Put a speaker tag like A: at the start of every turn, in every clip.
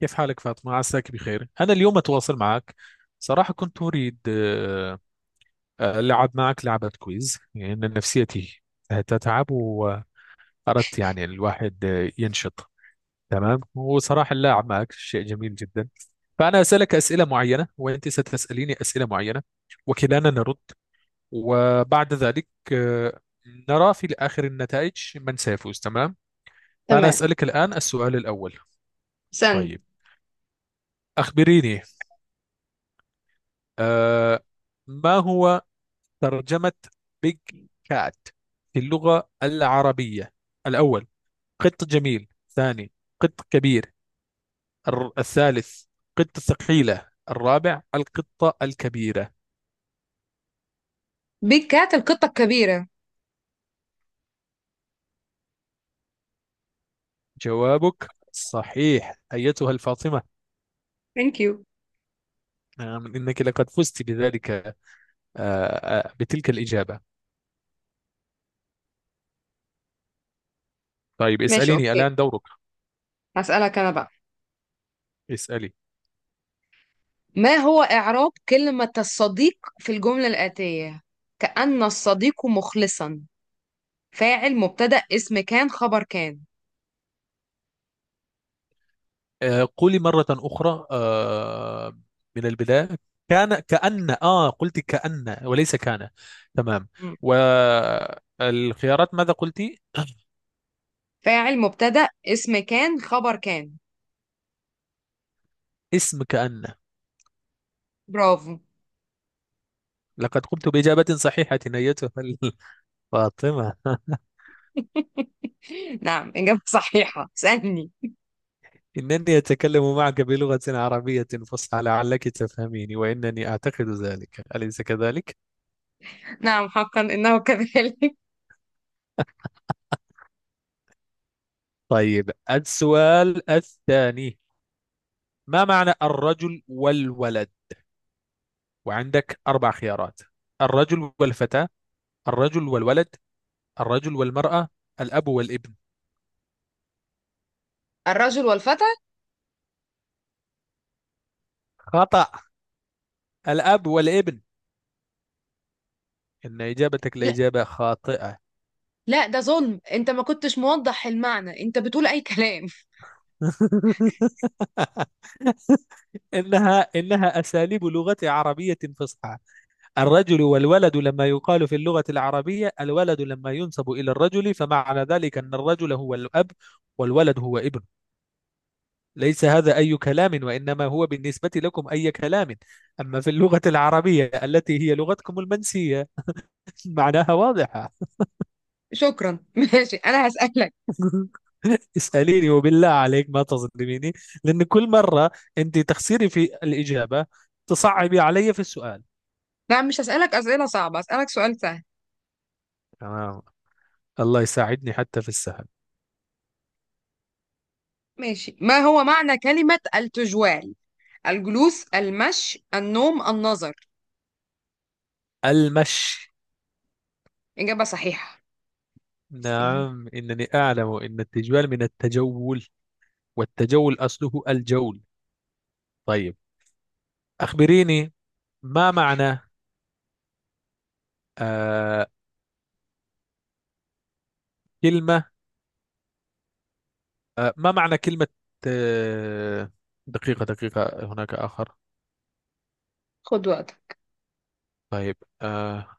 A: كيف حالك فاطمة؟ عساك بخير. أنا اليوم أتواصل معك، صراحة كنت أريد ألعب معك لعبة كويز، لأن يعني نفسيتي تتعب، وأردت يعني الواحد ينشط. تمام، وصراحة اللعب معك شيء جميل جدا. فأنا أسألك أسئلة معينة، وأنت ستسأليني أسئلة معينة، وكلانا نرد، وبعد ذلك نرى في آخر النتائج من سيفوز. تمام، فأنا
B: تمام.
A: أسألك الآن السؤال الأول.
B: استنى.
A: طيب، أخبريني، آه، ما هو ترجمة بيج كات في اللغة العربية؟ الأول: قط جميل. ثاني: قط كبير. الثالث: قطة ثقيلة. الرابع: القطة الكبيرة.
B: بيج كات، القطة الكبيرة.
A: جوابك صحيح أيتها الفاطمة.
B: ثانك يو.
A: نعم إنك لقد فزت بذلك، بتلك الإجابة. طيب
B: ماشي،
A: اسأليني
B: اوكي.
A: الآن، دورك.
B: هسألك انا بقى.
A: اسألي.
B: ما هو إعراب كلمة الصديق في الجملة الآتية: كأن الصديق مخلصا؟ فاعل، مبتدأ، اسم كان، خبر كان.
A: قولي مرة أخرى من البداية، كان كأن قلت كأن وليس كان. تمام.
B: مم.
A: والخيارات ماذا قلتي؟
B: فاعل، مبتدأ، اسم كان، خبر كان.
A: اسم كأن.
B: برافو.
A: لقد قمت بإجابة صحيحة أيتها فاطمة.
B: نعم، إجابة صحيحة. اسألني.
A: إنني أتكلم معك بلغة عربية فصحى لعلك تفهميني، وإنني أعتقد ذلك، أليس كذلك؟
B: نعم، حقا إنه كذلك.
A: طيب، السؤال الثاني: ما معنى الرجل والولد؟ وعندك أربع خيارات: الرجل والفتاة، الرجل والولد، الرجل والمرأة، الأب والابن.
B: الرجل والفتى.
A: خطأ. الأب والابن. إن إجابتك
B: لا،
A: لإجابة خاطئة.
B: لا، ده ظلم. انت ما كنتش موضح المعنى، انت بتقول اي كلام.
A: إنها أساليب لغة عربية فصحى. الرجل والولد، لما يقال في اللغة العربية الولد لما ينسب إلى الرجل، فمعنى ذلك أن الرجل هو الأب، والولد هو ابن. ليس هذا أي كلام، وإنما هو بالنسبة لكم أي كلام. أما في اللغة العربية التي هي لغتكم المنسية، معناها واضحة.
B: شكرا. ماشي، انا هسألك.
A: اسأليني وبالله عليك ما تظلميني، لأن كل مرة أنت تخسري في الإجابة تصعبي علي في السؤال.
B: لا، مش هسألك أسئلة صعبة، هسألك سؤال سهل.
A: تمام، الله يساعدني حتى في السهل.
B: ماشي. ما هو معنى كلمة التجوال؟ الجلوس، المشي، النوم، النظر.
A: المشي.
B: إجابة صحيحة. استنى،
A: نعم، إنني أعلم أن التجوال من التجول، والتجول أصله الجول. طيب، أخبريني، ما معنى آه كلمة، ما معنى كلمة، آه دقيقة هناك آخر.
B: خد وقتك.
A: طيب، آه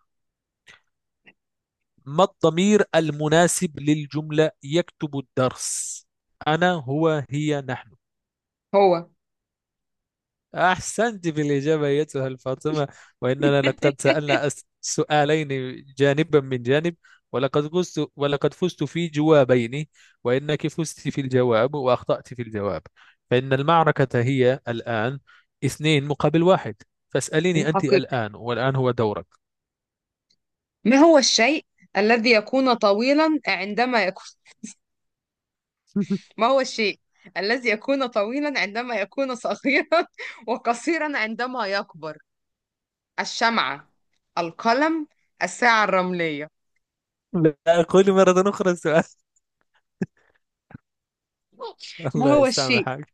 A: ما الضمير المناسب للجملة يكتب الدرس؟ أنا، هو، هي، نحن.
B: هو.
A: أحسنت في الإجابة أيتها الفاطمة. وإننا لقد سألنا سؤالين جانبا من جانب، ولقد فزت، ولقد فزت في جوابين، وإنك فزت في الجواب وأخطأت في الجواب. فإن المعركة هي الآن اثنين مقابل واحد. فاسأليني أنت
B: الحقيقة.
A: الآن، والآن هو دورك.
B: ما هو الشيء الذي يكون طويلا عندما يكون. ما هو الشيء الذي يكون طويلا عندما يكون صغيرا وقصيرا عندما يكبر؟ الشمعة، القلم، الساعة الرملية.
A: لا، أقول مرة أخرى السؤال.
B: ما
A: الله
B: هو الشيء
A: يسامحك.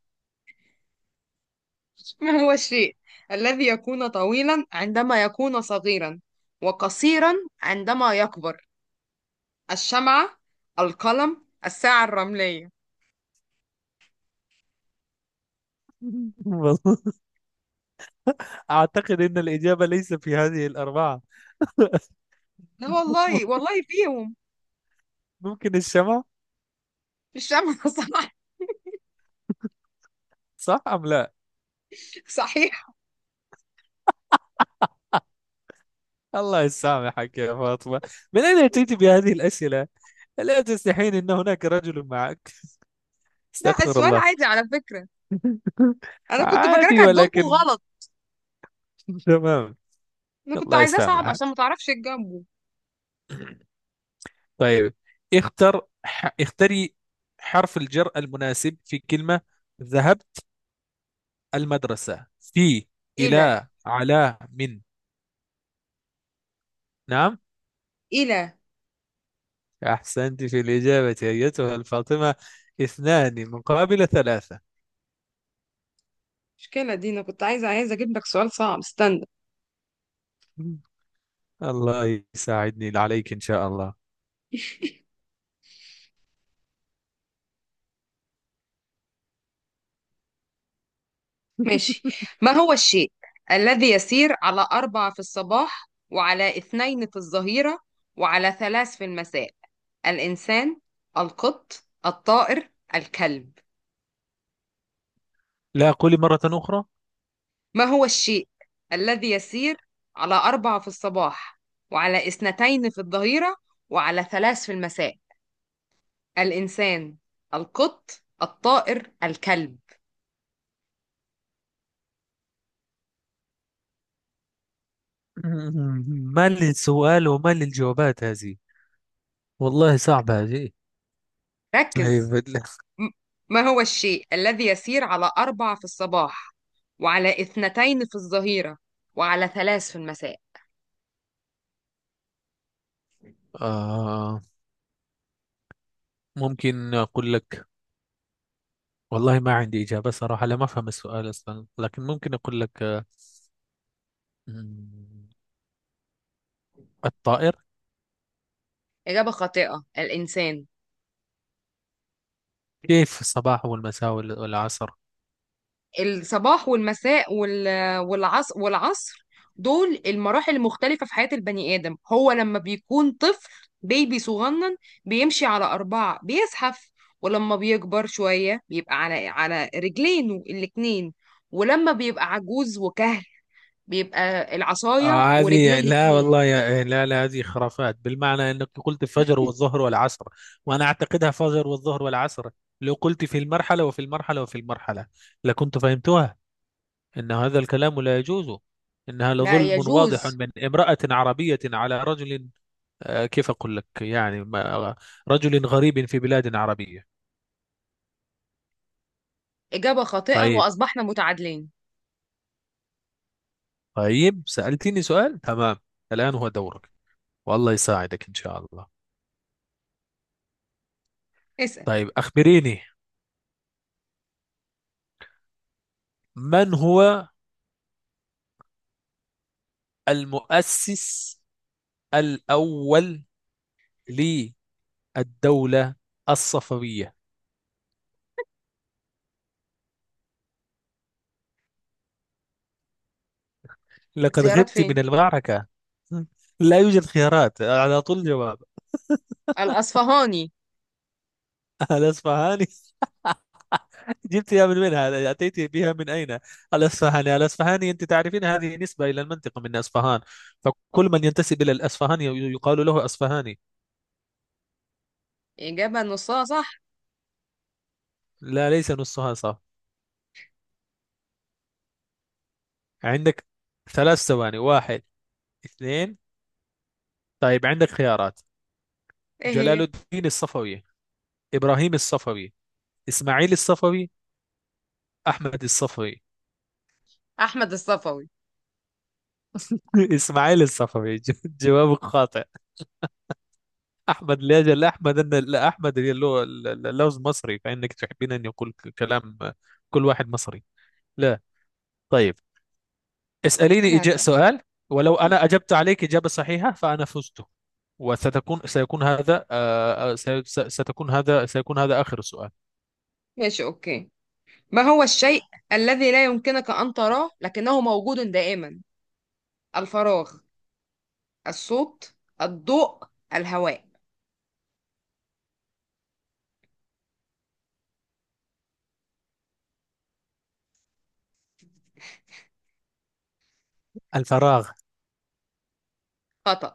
B: ما هو الشيء الذي يكون طويلا عندما يكون صغيرا وقصيرا عندما يكبر؟ الشمعة، القلم، الساعة الرملية.
A: والله أعتقد أن الإجابة ليس في هذه الأربعة.
B: لا والله، والله فيهم.
A: ممكن الشمع.
B: الشمعة. صح؟
A: صح أم لا؟
B: صحيح.
A: الله يسامحك يا فاطمة، من أين أتيت بهذه الأسئلة؟ ألا تستحين أن هناك رجل معك؟
B: لا،
A: استغفر
B: السؤال
A: الله.
B: عادي على فكرة. أنا كنت فاكراك
A: عادي،
B: هتجاوبه
A: ولكن
B: غلط.
A: تمام.
B: أنا كنت
A: الله
B: عايزاه صعب
A: يسامحك.
B: عشان ما تعرفش تجاوبه.
A: طيب، اختري حرف الجر المناسب في كلمة ذهبت المدرسة: في،
B: إيه، لا.
A: إلى، على، من. نعم،
B: إيه، لا.
A: أحسنت في الإجابة أيتها الفاطمة. اثنان مقابل ثلاثة.
B: المشكلة دي أنا كنت عايزة أجيب لك سؤال صعب. استنى.
A: الله يساعدني عليك إن شاء الله.
B: ماشي. ما هو الشيء الذي يسير على أربعة في الصباح وعلى اثنين في الظهيرة وعلى ثلاث في المساء؟ الإنسان، القط، الطائر، الكلب.
A: لا، قولي مرة أخرى.
B: ما هو الشيء الذي يسير على أربعة في الصباح وعلى اثنتين في الظهيرة وعلى ثلاث في المساء؟ الإنسان، القط، الطائر، الكلب.
A: ما للسؤال وما للجوابات هذه، والله صعبة هذه. أي
B: ركز.
A: بالله.
B: م- ما هو الشيء الذي يسير على أربع في الصباح وعلى اثنتين في الظهيرة وعلى ثلاث في المساء؟
A: آه ممكن أقول لك، والله ما عندي إجابة صراحة، لا ما أفهم السؤال أصلا، لكن ممكن أقول لك مم، الطائر.
B: إجابة خاطئة، الإنسان.
A: كيف الصباح والمساء والعصر؟
B: الصباح والمساء والعصر، والعصر دول المراحل المختلفة في حياة البني آدم. هو لما بيكون طفل، بيبي صغنن، بيمشي على أربعة، بيزحف. ولما بيكبر شوية بيبقى على رجلين الاتنين. ولما بيبقى عجوز وكهل، بيبقى العصاية ورجلين
A: هذه لا
B: الاتنين.
A: والله يا إيه، لا هذه خرافات، بالمعنى انك قلت الفجر والظهر والعصر، وانا اعتقدها فجر والظهر والعصر. لو قلت في المرحلة وفي المرحلة وفي المرحلة لكنت فهمتها. ان هذا الكلام لا يجوز، انها
B: لا
A: لظلم واضح
B: يجوز.
A: من امرأة عربية على رجل. كيف اقول لك يعني رجل غريب في بلاد عربية.
B: إجابة خاطئة
A: طيب.
B: وأصبحنا متعادلين.
A: طيب، سألتني سؤال، تمام، الآن هو دورك، والله يساعدك ان شاء الله.
B: اسأل.
A: طيب، اخبريني، من هو المؤسس الأول للدولة الصفوية؟ لقد
B: اختيارات
A: غبت
B: فين؟
A: من المعركة. لا يوجد خيارات، على طول جواب.
B: الأصفهاني.
A: الأصفهاني. جبتها من وين؟ هذا أتيت بها من أين؟ الأصفهاني، الأصفهاني أنت تعرفين هذه نسبة إلى المنطقة، من أصفهان، فكل من ينتسب إلى الأصفهاني يقال له أصفهاني.
B: إجابة نصها صح.
A: لا، ليس نصها صح. عندك ثلاث ثواني: واحد، اثنين. طيب، عندك خيارات:
B: ايه
A: جلال
B: هي؟
A: الدين الصفوي، إبراهيم الصفوي، اسماعيل الصفوي، احمد الصفوي.
B: أحمد الصفوي.
A: اسماعيل الصفوي. جوابك خاطئ. احمد، لاجل احمد ان لا احمد، اللي هو اللوز مصري، فانك تحبين ان يقول كلام كل واحد مصري. لا. طيب، اساليني
B: انا
A: إجاء
B: هسأل.
A: سؤال، ولو انا اجبت عليك اجابه صحيحه فانا فزت. سيكون هذا ستكون هذا سيكون هذا اخر سؤال.
B: ماشي، أوكي. ما هو الشيء الذي لا يمكنك أن تراه لكنه موجود دائما؟ الفراغ، الصوت، الضوء، الهواء.
A: الفراغ.
B: خطأ.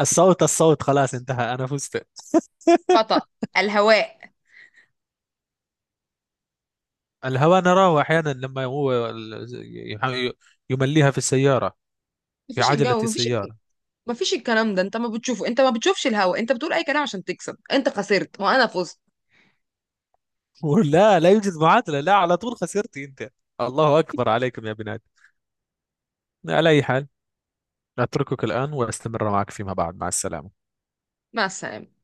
A: الصوت. الصوت، خلاص انتهى، انا فزت.
B: خطأ. الهواء.
A: الهواء نراه أحيانا لما هو يح- يمليها في السيارة، في
B: مفيش
A: عجلة
B: الجو،
A: السيارة.
B: مفيش الكلام ده. انت ما بتشوفه، انت ما بتشوفش الهواء. انت بتقول اي كلام عشان تكسب. انت خسرت وانا فزت.
A: لا، لا يوجد معادلة، لا، على طول خسرتي أنت. الله أكبر عليكم يا بنات. على أي حال، أتركك الآن وأستمر معك فيما بعد. مع السلامة.
B: مع السلامة.